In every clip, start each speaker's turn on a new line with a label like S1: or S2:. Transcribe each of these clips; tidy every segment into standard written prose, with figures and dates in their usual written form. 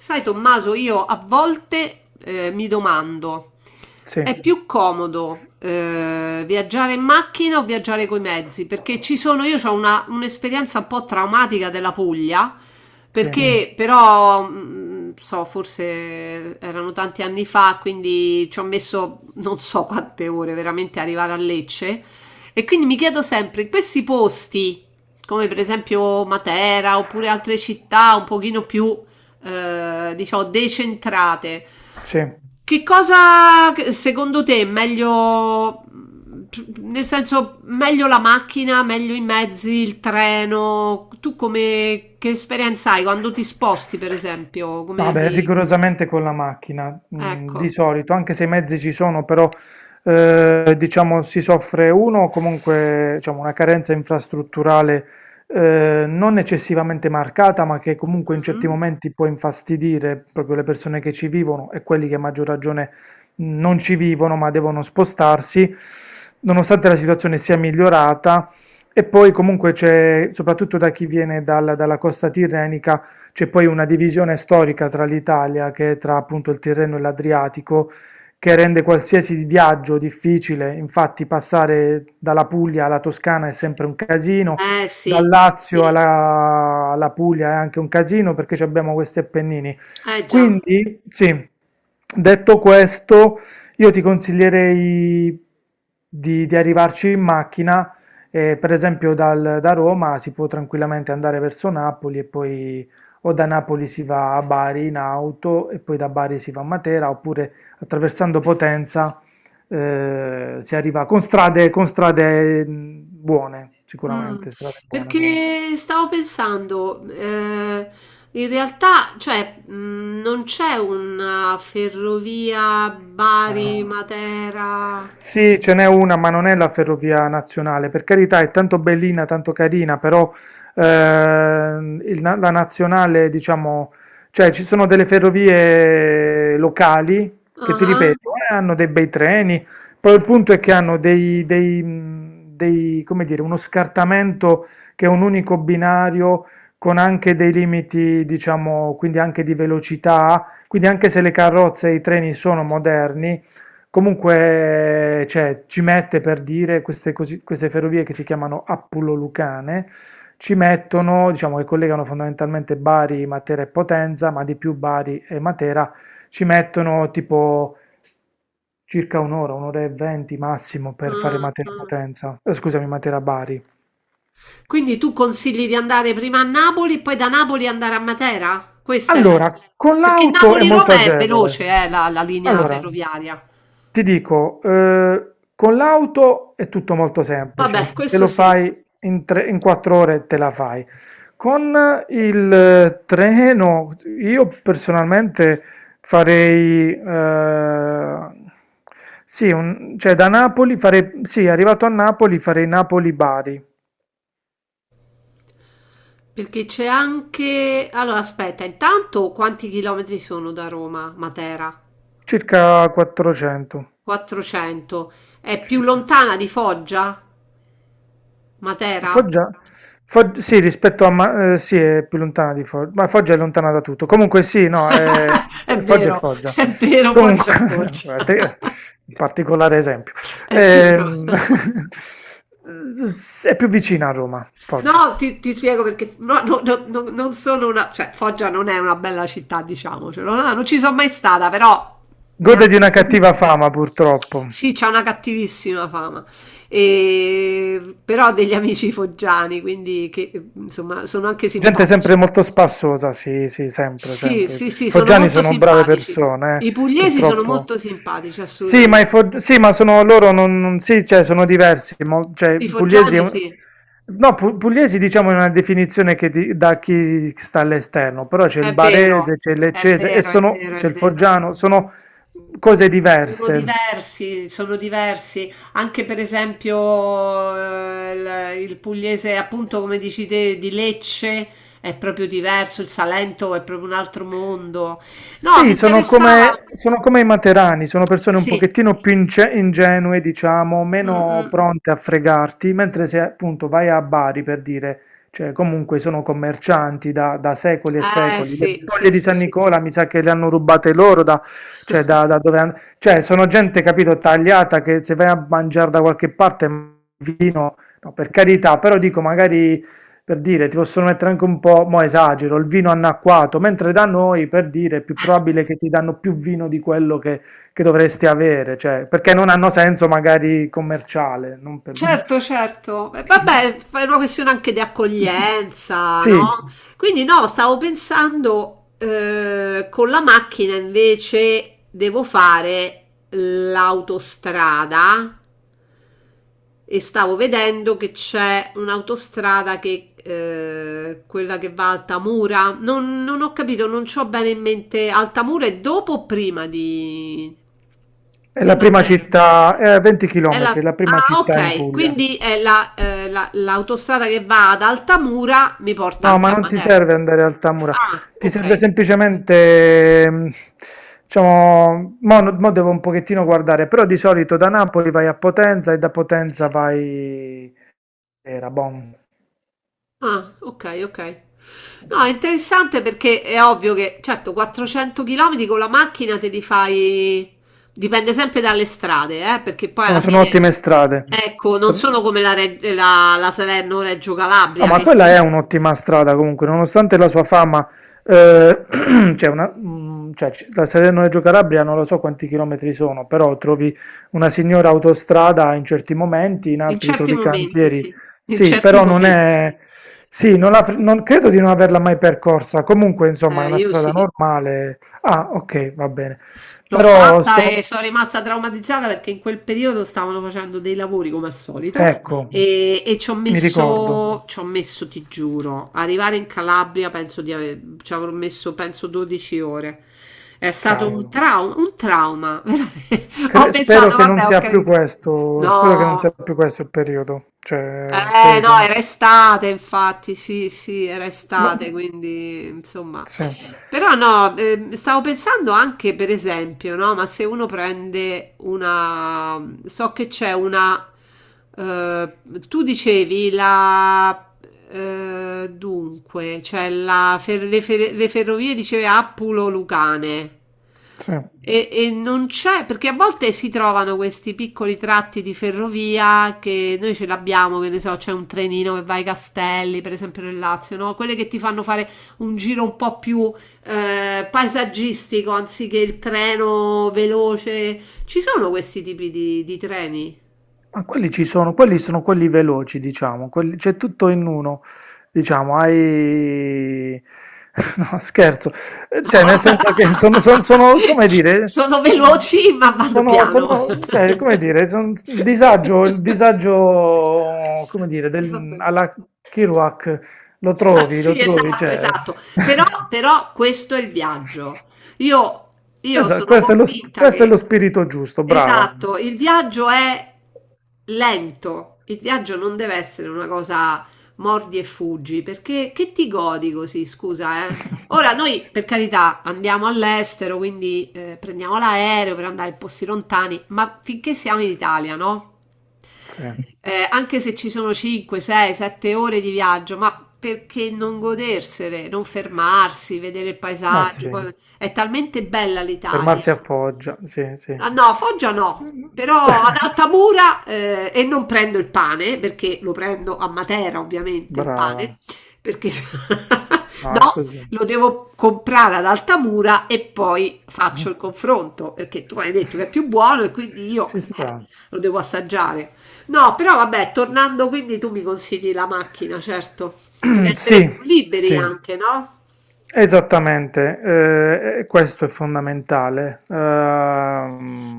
S1: Sai, Tommaso, io a volte mi domando,
S2: Sì,
S1: è più comodo viaggiare in macchina o viaggiare coi mezzi? Perché ci sono, io ho un'esperienza un po' traumatica della Puglia. Mm.
S2: sì,
S1: Perché però, so, forse erano tanti anni fa, quindi ci ho messo non so quante ore veramente a arrivare a Lecce. E quindi mi chiedo sempre, in questi posti, come per esempio Matera oppure altre città un pochino più diciamo, decentrate.
S2: sì.
S1: Che cosa secondo te è meglio, nel senso, meglio la macchina, meglio i mezzi, il treno? Tu come, che esperienza hai quando ti sposti, per esempio? Come
S2: Vabbè,
S1: ti...
S2: rigorosamente con la macchina,
S1: Ecco.
S2: di solito, anche se i mezzi ci sono, però diciamo si soffre uno comunque diciamo, una carenza infrastrutturale non eccessivamente marcata, ma che comunque in certi
S1: Mhm.
S2: momenti può infastidire proprio le persone che ci vivono e quelli che a maggior ragione non ci vivono, ma devono spostarsi, nonostante la situazione sia migliorata. E poi comunque c'è, soprattutto da chi viene dalla costa tirrenica, c'è poi una divisione storica tra l'Italia, che è tra appunto il Tirreno e l'Adriatico, che rende qualsiasi viaggio difficile. Infatti, passare dalla Puglia alla Toscana è sempre un casino,
S1: Eh
S2: dal
S1: sì, sì,
S2: Lazio alla Puglia è anche un casino perché ci abbiamo questi Appennini.
S1: eh già.
S2: Quindi, sì, detto questo, io ti consiglierei di arrivarci in macchina. Per esempio, da Roma si può tranquillamente andare verso Napoli e poi o da Napoli si va a Bari in auto e poi da Bari si va a Matera, oppure attraversando Potenza si arriva con strade buone,
S1: Mh,
S2: sicuramente strade buone comunque.
S1: perché stavo pensando, in realtà, cioè, non c'è una ferrovia, no?
S2: Ah.
S1: Bari-Matera.
S2: Sì, ce n'è una, ma non è la ferrovia nazionale. Per carità, è tanto bellina, tanto carina, però la nazionale, diciamo, cioè ci sono delle ferrovie locali che ti
S1: Ah-ah,
S2: ripeto, hanno dei bei treni. Poi il punto è che hanno dei, come dire, uno scartamento che è un unico binario con anche dei limiti, diciamo, quindi anche di velocità, quindi anche se le carrozze e i treni sono moderni, comunque cioè, ci mette per dire queste ferrovie che si chiamano Appulo-Lucane, ci
S1: ah-ah.
S2: mettono, diciamo che collegano fondamentalmente Bari, Matera e Potenza, ma di più Bari e Matera, ci mettono tipo circa un'ora, un'ora e venti massimo per fare Matera-Potenza, scusami, Matera-Bari.
S1: Quindi tu consigli di andare prima a Napoli e poi da Napoli andare a Matera? Questa è la
S2: Allora,
S1: linea,
S2: con
S1: perché
S2: l'auto è molto
S1: Napoli-Roma è
S2: agevole.
S1: veloce, la linea
S2: Allora,
S1: ferroviaria.
S2: ti dico, con l'auto è tutto molto
S1: Vabbè,
S2: semplice, te
S1: questo
S2: lo
S1: sì.
S2: fai in quattro ore, te la fai. Con il treno, io personalmente farei, sì, cioè da Napoli farei, sì, arrivato a Napoli farei Napoli-Bari,
S1: Perché c'è anche... Allora, aspetta, intanto quanti chilometri sono da Roma, Matera?
S2: circa 400,
S1: 400. È più
S2: circa.
S1: lontana di Foggia, Matera?
S2: Foggia? Sì, rispetto a... Ma- sì, è più lontana di Foggia, ma Foggia è lontana da tutto. Comunque sì, no,
S1: È
S2: Foggia è
S1: vero,
S2: Foggia.
S1: è vero, Foggia è
S2: Comunque,
S1: Foggia.
S2: guardate, un particolare esempio.
S1: È vero.
S2: Ehm, è più vicina a Roma, Foggia.
S1: No, ti spiego perché no, no, no, no, non sono una... cioè Foggia non è una bella città, diciamocelo, no, no, non ci sono mai stata, però mi
S2: Gode
S1: hanno
S2: di una
S1: detto
S2: cattiva
S1: tutti che...
S2: fama, purtroppo.
S1: Sì, c'è una cattivissima fama, e... però ho degli amici foggiani, quindi che, insomma sono anche
S2: Gente
S1: simpatici.
S2: sempre molto spassosa, sì, sì, sempre,
S1: Sì,
S2: sempre.
S1: sì, sì, sono
S2: Foggiani
S1: molto
S2: sono brave
S1: simpatici.
S2: persone,
S1: I pugliesi sono
S2: purtroppo.
S1: molto simpatici,
S2: Sì, ma,
S1: assolutamente.
S2: sì, ma sono loro, sì, cioè, sono diversi. Cioè,
S1: I
S2: pugliesi, è
S1: foggiani sì,
S2: no, pugliesi diciamo è una definizione che da chi sta all'esterno, però c'è il
S1: è vero,
S2: barese, c'è il
S1: è
S2: leccese e
S1: vero, è
S2: sono,
S1: vero, è
S2: c'è il
S1: vero.
S2: foggiano, sono cose
S1: Sono
S2: diverse.
S1: diversi, sono diversi. Anche per esempio eh, il pugliese, appunto come dici te, di Lecce è proprio diverso, il Salento è proprio un altro mondo. No, mi sì,
S2: Sì,
S1: interessava.
S2: sono come i materani, sono persone un
S1: Sì.
S2: pochettino più ingenue, diciamo,
S1: Mm,
S2: meno
S1: mm.
S2: pronte a fregarti, mentre se appunto vai a Bari per dire, cioè comunque sono commercianti da secoli e
S1: Eh
S2: secoli, le
S1: sì, sì,
S2: spoglie di
S1: sì,
S2: San
S1: sì.
S2: Nicola mi sa che le hanno rubate loro, da, cioè, da, cioè sono gente, capito, tagliata che se vai a mangiare da qualche parte vino, no, per carità, però dico magari per dire, ti possono mettere anche un po', mo esagero, il vino annacquato, mentre da noi, per dire, è più probabile che ti danno più vino di quello che dovresti avere, cioè, perché non hanno senso magari commerciale. Non per-
S1: Certo, certo. Vabbè, è una questione anche di accoglienza,
S2: sì,
S1: no? Quindi no, stavo pensando con la macchina invece devo fare l'autostrada e stavo vedendo che c'è un'autostrada che quella che va a Altamura. Non, non ho capito, non ho bene in mente Altamura è dopo o prima di,
S2: è
S1: di
S2: la prima
S1: Matera?
S2: città, è a 20
S1: È la-
S2: km, la prima
S1: Ah,
S2: città in
S1: ok,
S2: Puglia.
S1: quindi è l'autostrada che va ad Altamura mi porta
S2: No,
S1: anche
S2: ma
S1: a
S2: non ti
S1: Matera.
S2: serve andare al Tamura,
S1: Ah,
S2: ti serve
S1: ok.
S2: semplicemente, diciamo, mo, mo devo un pochettino guardare, però di solito da Napoli vai a Potenza e da Potenza vai. Era bom.
S1: Ah, ok, ok. No, è interessante perché è ovvio che, certo, 400 km con la macchina te li fai... Dipende sempre dalle strade, perché poi
S2: No,
S1: alla
S2: sono
S1: fine,
S2: ottime strade.
S1: ecco, non sono
S2: No,
S1: come la Salerno-Reggio Calabria,
S2: ma
S1: che
S2: quella è
S1: comunque...
S2: un'ottima strada comunque, nonostante la sua fama, eh, c'è una, da Salerno a Reggio Calabria non lo so quanti chilometri sono, però trovi una signora autostrada in certi momenti, in
S1: In
S2: altri
S1: certi
S2: trovi
S1: momenti,
S2: cantieri.
S1: sì. In
S2: Sì,
S1: certi
S2: però non
S1: momenti.
S2: è... Sì, non, credo di non averla mai percorsa. Comunque, insomma, è una
S1: Io
S2: strada
S1: sì.
S2: normale. Ah, ok, va bene.
S1: L'ho
S2: Però
S1: fatta
S2: so...
S1: e sono rimasta traumatizzata perché in quel periodo stavano facendo dei lavori come al solito
S2: Ecco,
S1: e ci ho
S2: mi ricordo.
S1: messo, ti giuro, arrivare in Calabria penso di aver, ci avrò messo penso 12 ore. È stato un
S2: Cavolo.
S1: trauma, un trauma. Veramente. Ho
S2: Spero
S1: pensato,
S2: che non
S1: vabbè, ho
S2: sia più
S1: capito.
S2: questo, spero che non sia
S1: No,
S2: più questo il periodo, cioè credo che sia
S1: no, era
S2: andato.
S1: estate, infatti, sì, sì, era
S2: Ma
S1: estate, quindi insomma.
S2: sì,
S1: Però no, stavo pensando anche per esempio, no? Ma se uno prende una... So che c'è una... eh, tu dicevi la... dunque, cioè la fer- le ferrovie dicevi Appulo-Lucane.
S2: sì.
S1: E non c'è, perché a volte si trovano questi piccoli tratti di ferrovia che noi ce l'abbiamo, che ne so, c'è un trenino che va ai Castelli, per esempio nel Lazio, no? Quelle che ti fanno fare un giro un po' più paesaggistico anziché il treno veloce. Ci sono questi tipi di treni?
S2: Ma quelli ci sono quelli veloci, diciamo, c'è tutto in uno, diciamo, hai... No, scherzo.
S1: No.
S2: Cioè nel senso che sono, sono, come
S1: Sono
S2: dire,
S1: veloci ma vanno
S2: sono,
S1: piano.
S2: sono, cioè, come dire, il disagio, come dire,
S1: Va
S2: del,
S1: bene.
S2: alla Kerouac,
S1: Ah,
S2: lo
S1: sì,
S2: trovi,
S1: esatto,
S2: cioè...
S1: esatto. Però, però questo è il viaggio. Io, io
S2: Esatto,
S1: sono
S2: questo è
S1: convinta
S2: questo è lo
S1: che,
S2: spirito giusto, brava.
S1: esatto, il viaggio è lento. Il viaggio non deve essere una cosa mordi e fuggi, perché che ti godi così, scusa, eh? Ora noi, per carità, andiamo all'estero, quindi prendiamo l'aereo per andare in posti lontani, ma finché siamo in Italia, no?
S2: Sì.
S1: Anche se ci sono 5, 6, 7 ore di viaggio, ma perché non godersele, non fermarsi, vedere il
S2: Ma
S1: paesaggio?
S2: sì,
S1: È talmente bella l'Italia.
S2: fermarsi a Foggia, sì, sì.
S1: Ah, no, Foggia no, però ad Altamura e non prendo il pane perché lo prendo a Matera ovviamente il pane,
S2: Brava,
S1: perché
S2: no, è
S1: no,
S2: così.
S1: lo devo comprare ad Altamura e poi faccio il confronto perché tu hai detto che è più buono e quindi io
S2: Ci sta.
S1: lo devo assaggiare. No, però vabbè, tornando quindi tu mi consigli la macchina, certo, per
S2: Sì,
S1: essere più liberi
S2: sì,
S1: anche, no?
S2: esattamente. E questo è fondamentale.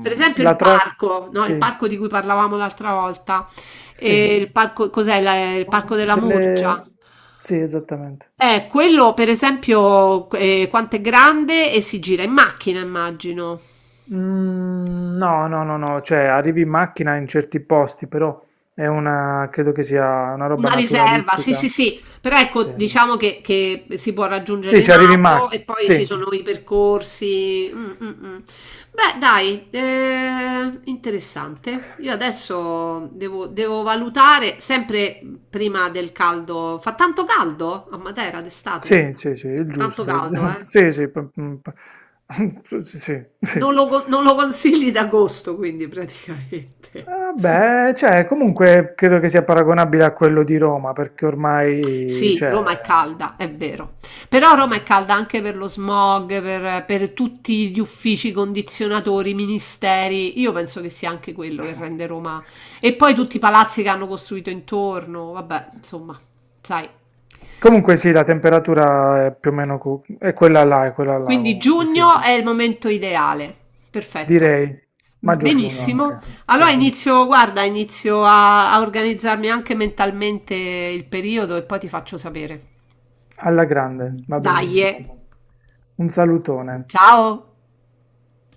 S1: Per esempio
S2: La
S1: il
S2: tra...
S1: parco, no? Il
S2: Sì,
S1: parco di cui parlavamo l'altra volta.
S2: sì.
S1: E il parco, cos'è? Il parco della Murgia.
S2: Delle... Sì, esattamente.
S1: Quello per esempio, quanto è grande e si gira in macchina, immagino.
S2: Mm, No, no, no, no, cioè arrivi in macchina in certi posti, però è una, credo che sia una roba
S1: Una riserva, sì,
S2: naturalistica.
S1: sì, sì, però ecco,
S2: Sì,
S1: diciamo che si può raggiungere
S2: sì, ci
S1: in
S2: arrivi in
S1: auto e
S2: macchina,
S1: poi ci
S2: sì,
S1: sono i percorsi. Mm, mm, mm. Beh, dai, interessante. Io adesso devo valutare sempre prima del caldo. Fa tanto caldo a Matera d'estate?
S2: sì, sì, sì, il
S1: Tanto
S2: giusto,
S1: caldo, eh?
S2: sì, sì, p- p- p- sì, sì. Sì.
S1: Non lo, con- non lo consigli d'agosto, quindi praticamente.
S2: Beh, cioè, comunque credo che sia paragonabile a quello di Roma, perché ormai,
S1: Sì,
S2: cioè...
S1: Roma è calda, è vero. Però Roma è calda anche per lo smog, per tutti gli uffici, condizionatori, ministeri. Io penso che sia anche quello che rende Roma. E poi tutti i palazzi che hanno costruito intorno. Vabbè, insomma, sai.
S2: Comunque sì, la temperatura è più o meno è quella là
S1: Quindi
S2: comunque, sì.
S1: giugno è il momento ideale. Perfetto. Va
S2: Direi
S1: bene.
S2: maggio-giugno
S1: Benissimo.
S2: anche,
S1: Allora
S2: sì.
S1: inizio, guarda, inizio a organizzarmi anche mentalmente il periodo e poi ti faccio sapere.
S2: Alla grande,
S1: Mm,
S2: va
S1: dai.
S2: benissimo.
S1: Benissimo.
S2: Un salutone.
S1: Ciao.